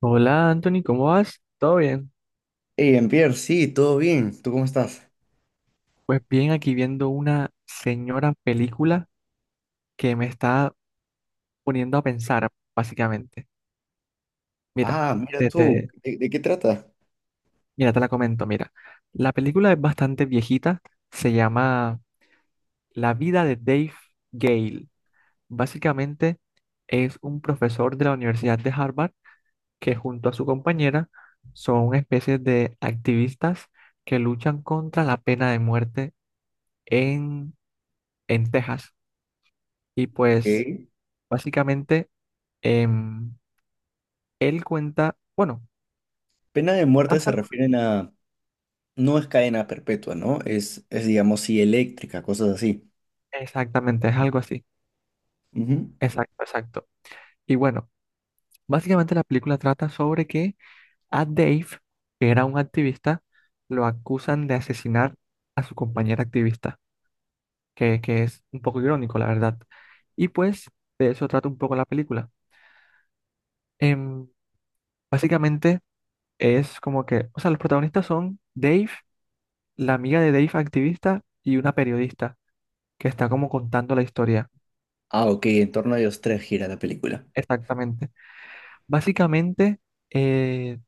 Hola Anthony, ¿cómo vas? ¿Todo bien? Hey, Jean-Pierre, sí, todo bien. ¿Tú cómo estás? Pues bien, aquí viendo una señora película que me está poniendo a pensar, básicamente. Mira, Ah, mira te, tú, te- ¿de qué trata? mira, te la comento, mira. La película es bastante viejita, se llama La vida de Dave Gale. Básicamente es un profesor de la Universidad de Harvard que junto a su compañera son una especie de activistas que luchan contra la pena de muerte en, en Texas. Y pues Ok. básicamente, em, él cuenta, bueno, Pena de muerte se pasa- refieren a, no es cadena perpetua, ¿no? Es, digamos, sí, eléctrica, cosas así. exactamente, es algo así. Ujú. Exacto, exacto. Y bueno, básicamente la película trata sobre que a Dave, que era un activista, lo acusan de asesinar a su compañera activista, que es un poco irónico, la verdad. Y pues de eso trata un poco la película. Em, básicamente es como que, o sea, los protagonistas son Dave, la amiga de Dave activista y una periodista que está como contando la historia. Ah, ok, en torno a ellos tres gira la película. Exactamente. Básicamente, eh,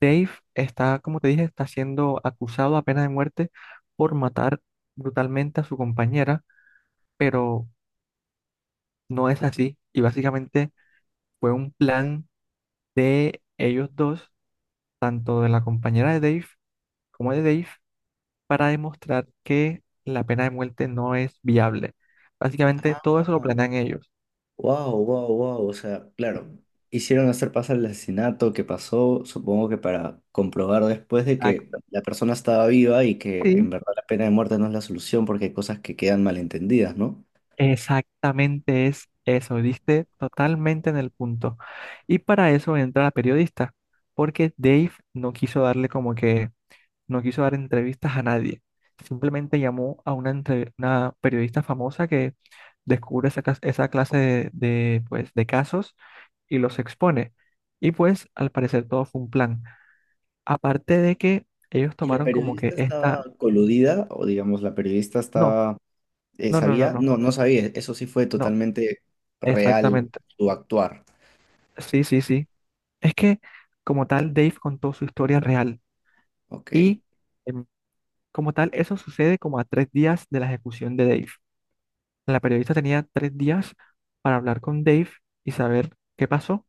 Dave está, como te dije, está siendo acusado a pena de muerte por matar brutalmente a su compañera, pero no es así. Y básicamente fue un plan de ellos dos, tanto de la compañera de Dave como de Dave, para demostrar que la pena de muerte no es viable. Básicamente, todo eso lo planean ellos. Wow, wow, wow, o sea, claro, hicieron hacer pasar el asesinato que pasó, supongo que para comprobar después de que Exacto, la persona estaba viva y que en sí. verdad la pena de muerte no es la solución porque hay cosas que quedan malentendidas, ¿no? Exactamente es eso, diste totalmente en el punto. Y para eso entra la periodista, porque Dave no quiso darle como que, no quiso dar entrevistas a nadie. Simplemente llamó a una, una periodista famosa que descubre esa, esa clase de, pues, de casos y los expone. Y pues al parecer todo fue un plan. Aparte de que ellos ¿Y la tomaron como que periodista estaba esta... coludida o digamos la periodista No, estaba, no, no, no, sabía? no, No, no sabía, eso sí fue no, totalmente real exactamente. su actuar. Sí, sí, sí. Es que como tal, Dave contó su historia real Ok. y em, como tal, eso sucede como a tres días de la ejecución de Dave. La periodista tenía tres días para hablar con Dave y saber qué pasó.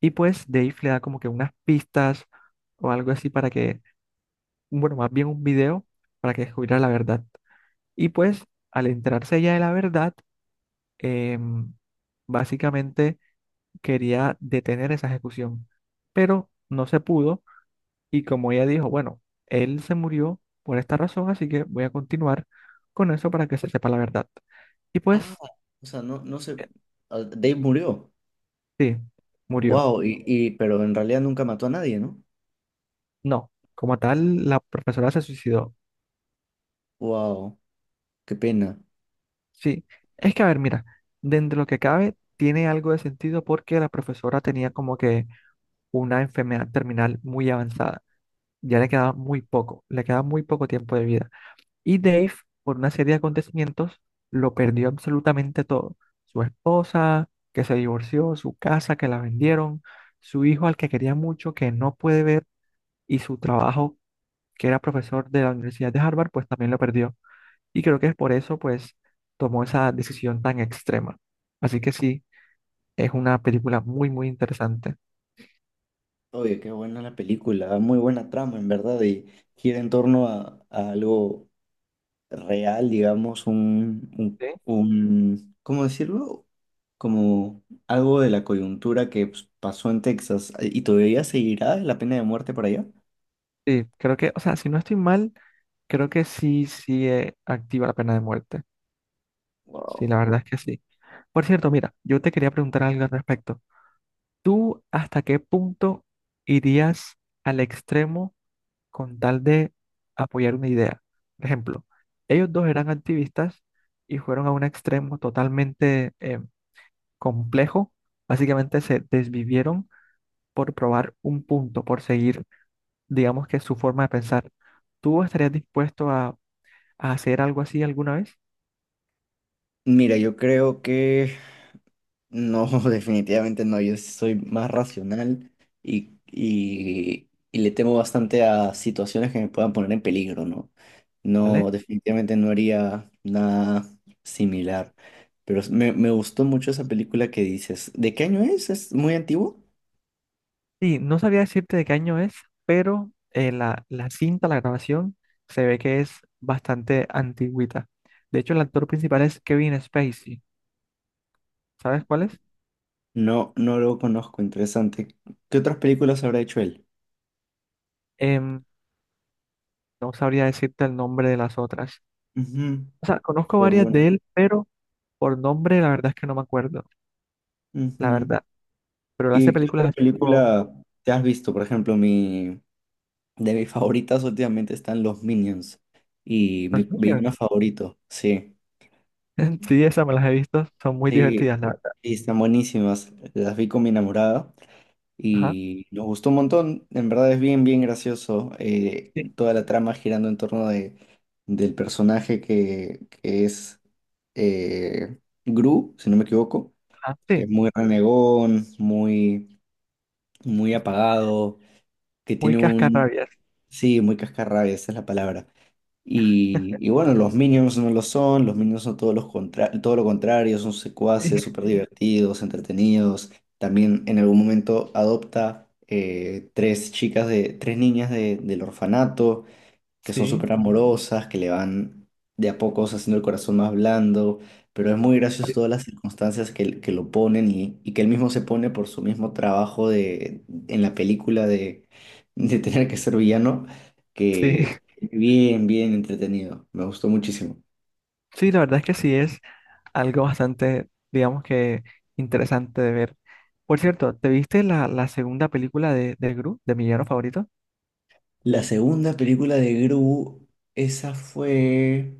Y pues Dave le da como que unas pistas o algo así para que, bueno, más bien un video para que descubriera la verdad. Y pues al enterarse ella de la verdad, em, básicamente quería detener esa ejecución, pero no se pudo. Y como ella dijo, bueno, él se murió por esta razón, así que voy a continuar con eso para que se sepa la verdad. Y Ah, pues, o sea, no sé, eh, ah, Dave murió. sí, murió. Wow, pero en realidad nunca mató a nadie, ¿no? No, como tal, la profesora se suicidó. Wow, qué pena. Sí, es que a ver, mira, dentro de lo que cabe, tiene algo de sentido porque la profesora tenía como que una enfermedad terminal muy avanzada. Ya le quedaba muy poco, le quedaba muy poco tiempo de vida. Y Dave, por una serie de acontecimientos, lo perdió absolutamente todo. Su esposa, que se divorció, su casa, que la vendieron, su hijo al que quería mucho, que no puede ver, y su trabajo, que era profesor de la Universidad de Harvard, pues también lo perdió. Y creo que es por eso, pues, tomó esa decisión tan extrema. Así que sí, es una película muy, muy interesante. Oye, qué buena la película, muy buena trama en verdad y gira en torno a algo real, digamos, Sí, ¿cómo decirlo? Como algo de la coyuntura que pues, pasó en Texas. ¿Y todavía seguirá la pena de muerte por allá? sí, creo que, o sea, si no estoy mal, creo que sí, sí, activa la pena de muerte. Sí, Wow. la verdad es que sí. Por cierto, mira, yo te quería preguntar algo al respecto. ¿Tú hasta qué punto irías al extremo con tal de apoyar una idea? Por ejemplo, ellos dos eran activistas y fueron a un extremo totalmente complejo. Básicamente se desvivieron por probar un punto, por seguir, digamos que su forma de pensar. ¿Tú estarías dispuesto a hacer algo así alguna vez? Mira, yo creo que no, definitivamente no. Yo sí soy más racional y le temo bastante a situaciones que me puedan poner en peligro, ¿no? No, ¿Vale? definitivamente no haría nada similar. Pero me gustó mucho esa película que dices. ¿De qué año es? ¿Es muy antiguo? Sí, no sabía decirte de qué año es, pero la, la cinta, la grabación, se ve que es bastante antigüita. De hecho, el actor principal es Kevin Spacey. ¿Sabes cuál es? No, no lo conozco. Interesante. ¿Qué otras películas habrá hecho él? Em, no sabría decirte el nombre de las otras. Ujú, O sea, conozco pero varias de bueno. él, pero por nombre la verdad es que no me acuerdo, la Ujú. verdad. Pero él hace ¿Y qué películas otra así como película te has visto? Por ejemplo, mi... De mis favoritas últimamente están los Minions. Y mi Los Minions. villano favorito, sí. Sí, esas me las he visto, son muy Sí, divertidas, la verdad. sí, están buenísimas. Las vi con mi enamorada Ajá, y nos gustó un montón. En verdad es bien, bien gracioso. Sí, Toda la trama girando en torno de, del personaje que es Gru, si no me equivoco, ajá, que es sí, muy renegón, muy, muy apagado, que muy tiene un... cascarrabias. Sí, muy cascarrabias, esa es la palabra. Y bueno, los Minions no lo son, los Minions son todos todo lo contrario, son Sí, secuaces, súper divertidos, entretenidos. También en algún momento adopta tres tres niñas del orfanato que son sí, súper amorosas, que le van de a pocos haciendo el corazón más blando, pero es muy gracioso sí, todas las circunstancias que lo ponen y que él mismo se pone por su mismo trabajo en la película de tener que ser villano, sí. que bien, bien entretenido, me gustó muchísimo. Sí, la verdad es que sí es, algo bastante, digamos que interesante de ver. Por cierto, ¿te viste la, la segunda película de Gru, de mi villano favorito? La segunda película de Gru, esa fue...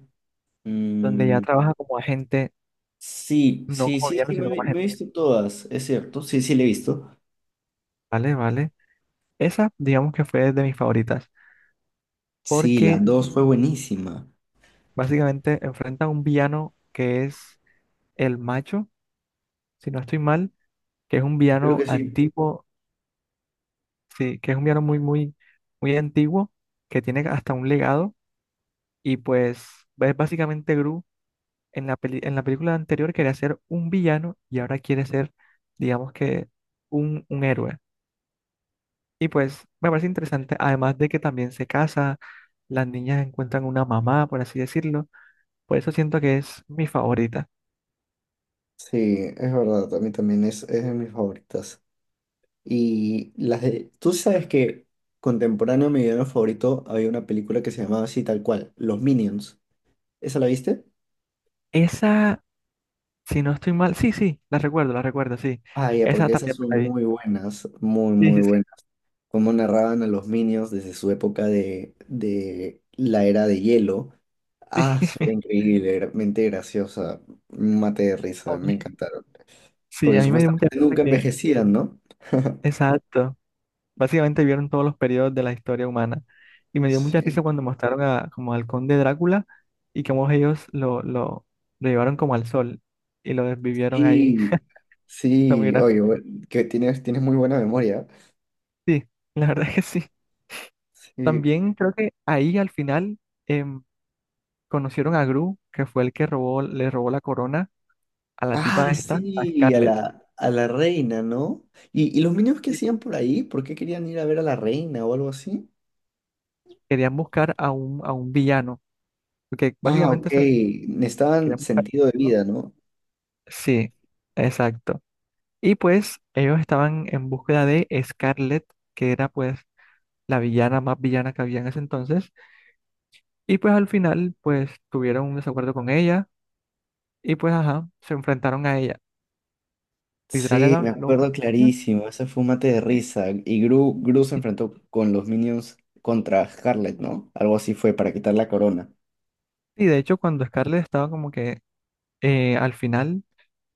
Donde ya mm, trabaja como agente, sí, no sí, como sí, sí, villano, me, sino como me agente. he visto todas, es cierto, sí, sí, la he visto. Vale, vale. Esa, digamos que fue de mis favoritas, Sí, la porque dos fue buenísima. básicamente enfrenta a un villano que es el macho, si no estoy mal, que es un Creo villano que sí. antiguo, sí, que es un villano muy, muy, muy antiguo, que tiene hasta un legado, y pues es básicamente Gru en la en la película anterior quería ser un villano y ahora quiere ser, digamos que, un héroe. Y pues me parece interesante, además de que también se casa, las niñas encuentran una mamá, por así decirlo. Por eso siento que es mi favorita. Sí, es verdad, a mí también es de mis favoritas. Y las de, tú sabes que contemporáneo a mi villano favorito había una película que se llamaba así tal cual, Los Minions. ¿Esa la viste? Esa, si no estoy mal, sí, sí, la recuerdo, sí. Ah, ya, Esa porque esas también me son la vi. muy buenas, muy, Sí, muy sí, sí. buenas. Cómo narraban a los Minions desde su época de la era de hielo. Ah, era increíble, mente graciosa, un mate de A risa, me mí, encantaron. sí, Porque a mí me dio mucha supuestamente pena nunca que, envejecían, ¿no? exacto. Básicamente vieron todos los periodos de la historia humana. Y me dio mucha risa Sí. cuando mostraron a, como al conde Drácula y cómo ellos lo llevaron como al sol y lo desvivieron ahí. Sí, Fue muy sí, gracioso. oye, que tienes, tienes muy buena memoria. Sí, la verdad es que sí. Sí. También creo que ahí al final em, conocieron a Gru, que fue el que robó, le robó la corona a la tipa Ah, esta, a sí, Scarlett. A la reina, ¿no? ¿Y los niños qué Y hacían por ahí? ¿Por qué querían ir a ver a la reina o algo así? querían buscar a un villano, porque Ah, ok, básicamente se le necesitaban querían buscar, sentido de ¿no? vida, ¿no? Sí, exacto. Y pues ellos estaban en búsqueda de Scarlett, que era pues la villana más villana que había en ese entonces. Y pues al final pues tuvieron un desacuerdo con ella y pues ajá, se enfrentaron a ella. Literal Sí, me era lo... acuerdo clarísimo, ese fue un mate de risa. Y Gru se enfrentó con los Minions contra Scarlet, ¿no? Algo así fue para quitar la corona. Y de hecho cuando Scarlett estaba como que al final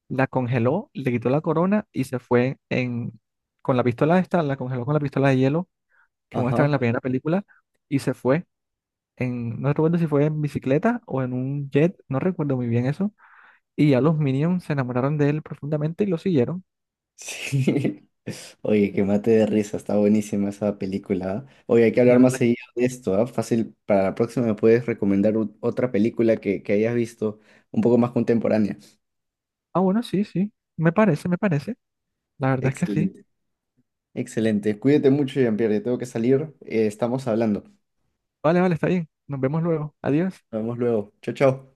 la congeló, le quitó la corona y se fue en... con la pistola esta, la congeló con la pistola de hielo que muestra Ajá. en la primera película y se fue en... No recuerdo si fue en bicicleta o en un jet, no recuerdo muy bien eso. Y ya los Minions se enamoraron de él profundamente y lo siguieron. Sí. Oye, que mate de risa, está buenísima esa película. ¿Ah? Oye, hay que Y hablar la más verdad, seguido de esto, ¿ah? Fácil, para la próxima me puedes recomendar otra película que hayas visto un poco más contemporánea. ah, bueno, sí, sí, me parece, me parece. La verdad es que sí. Excelente, excelente. Cuídate mucho, Jean-Pierre, tengo que salir, estamos hablando. Vale, vale, está bien. Nos vemos luego. Adiós. Nos vemos luego. Chao, chao.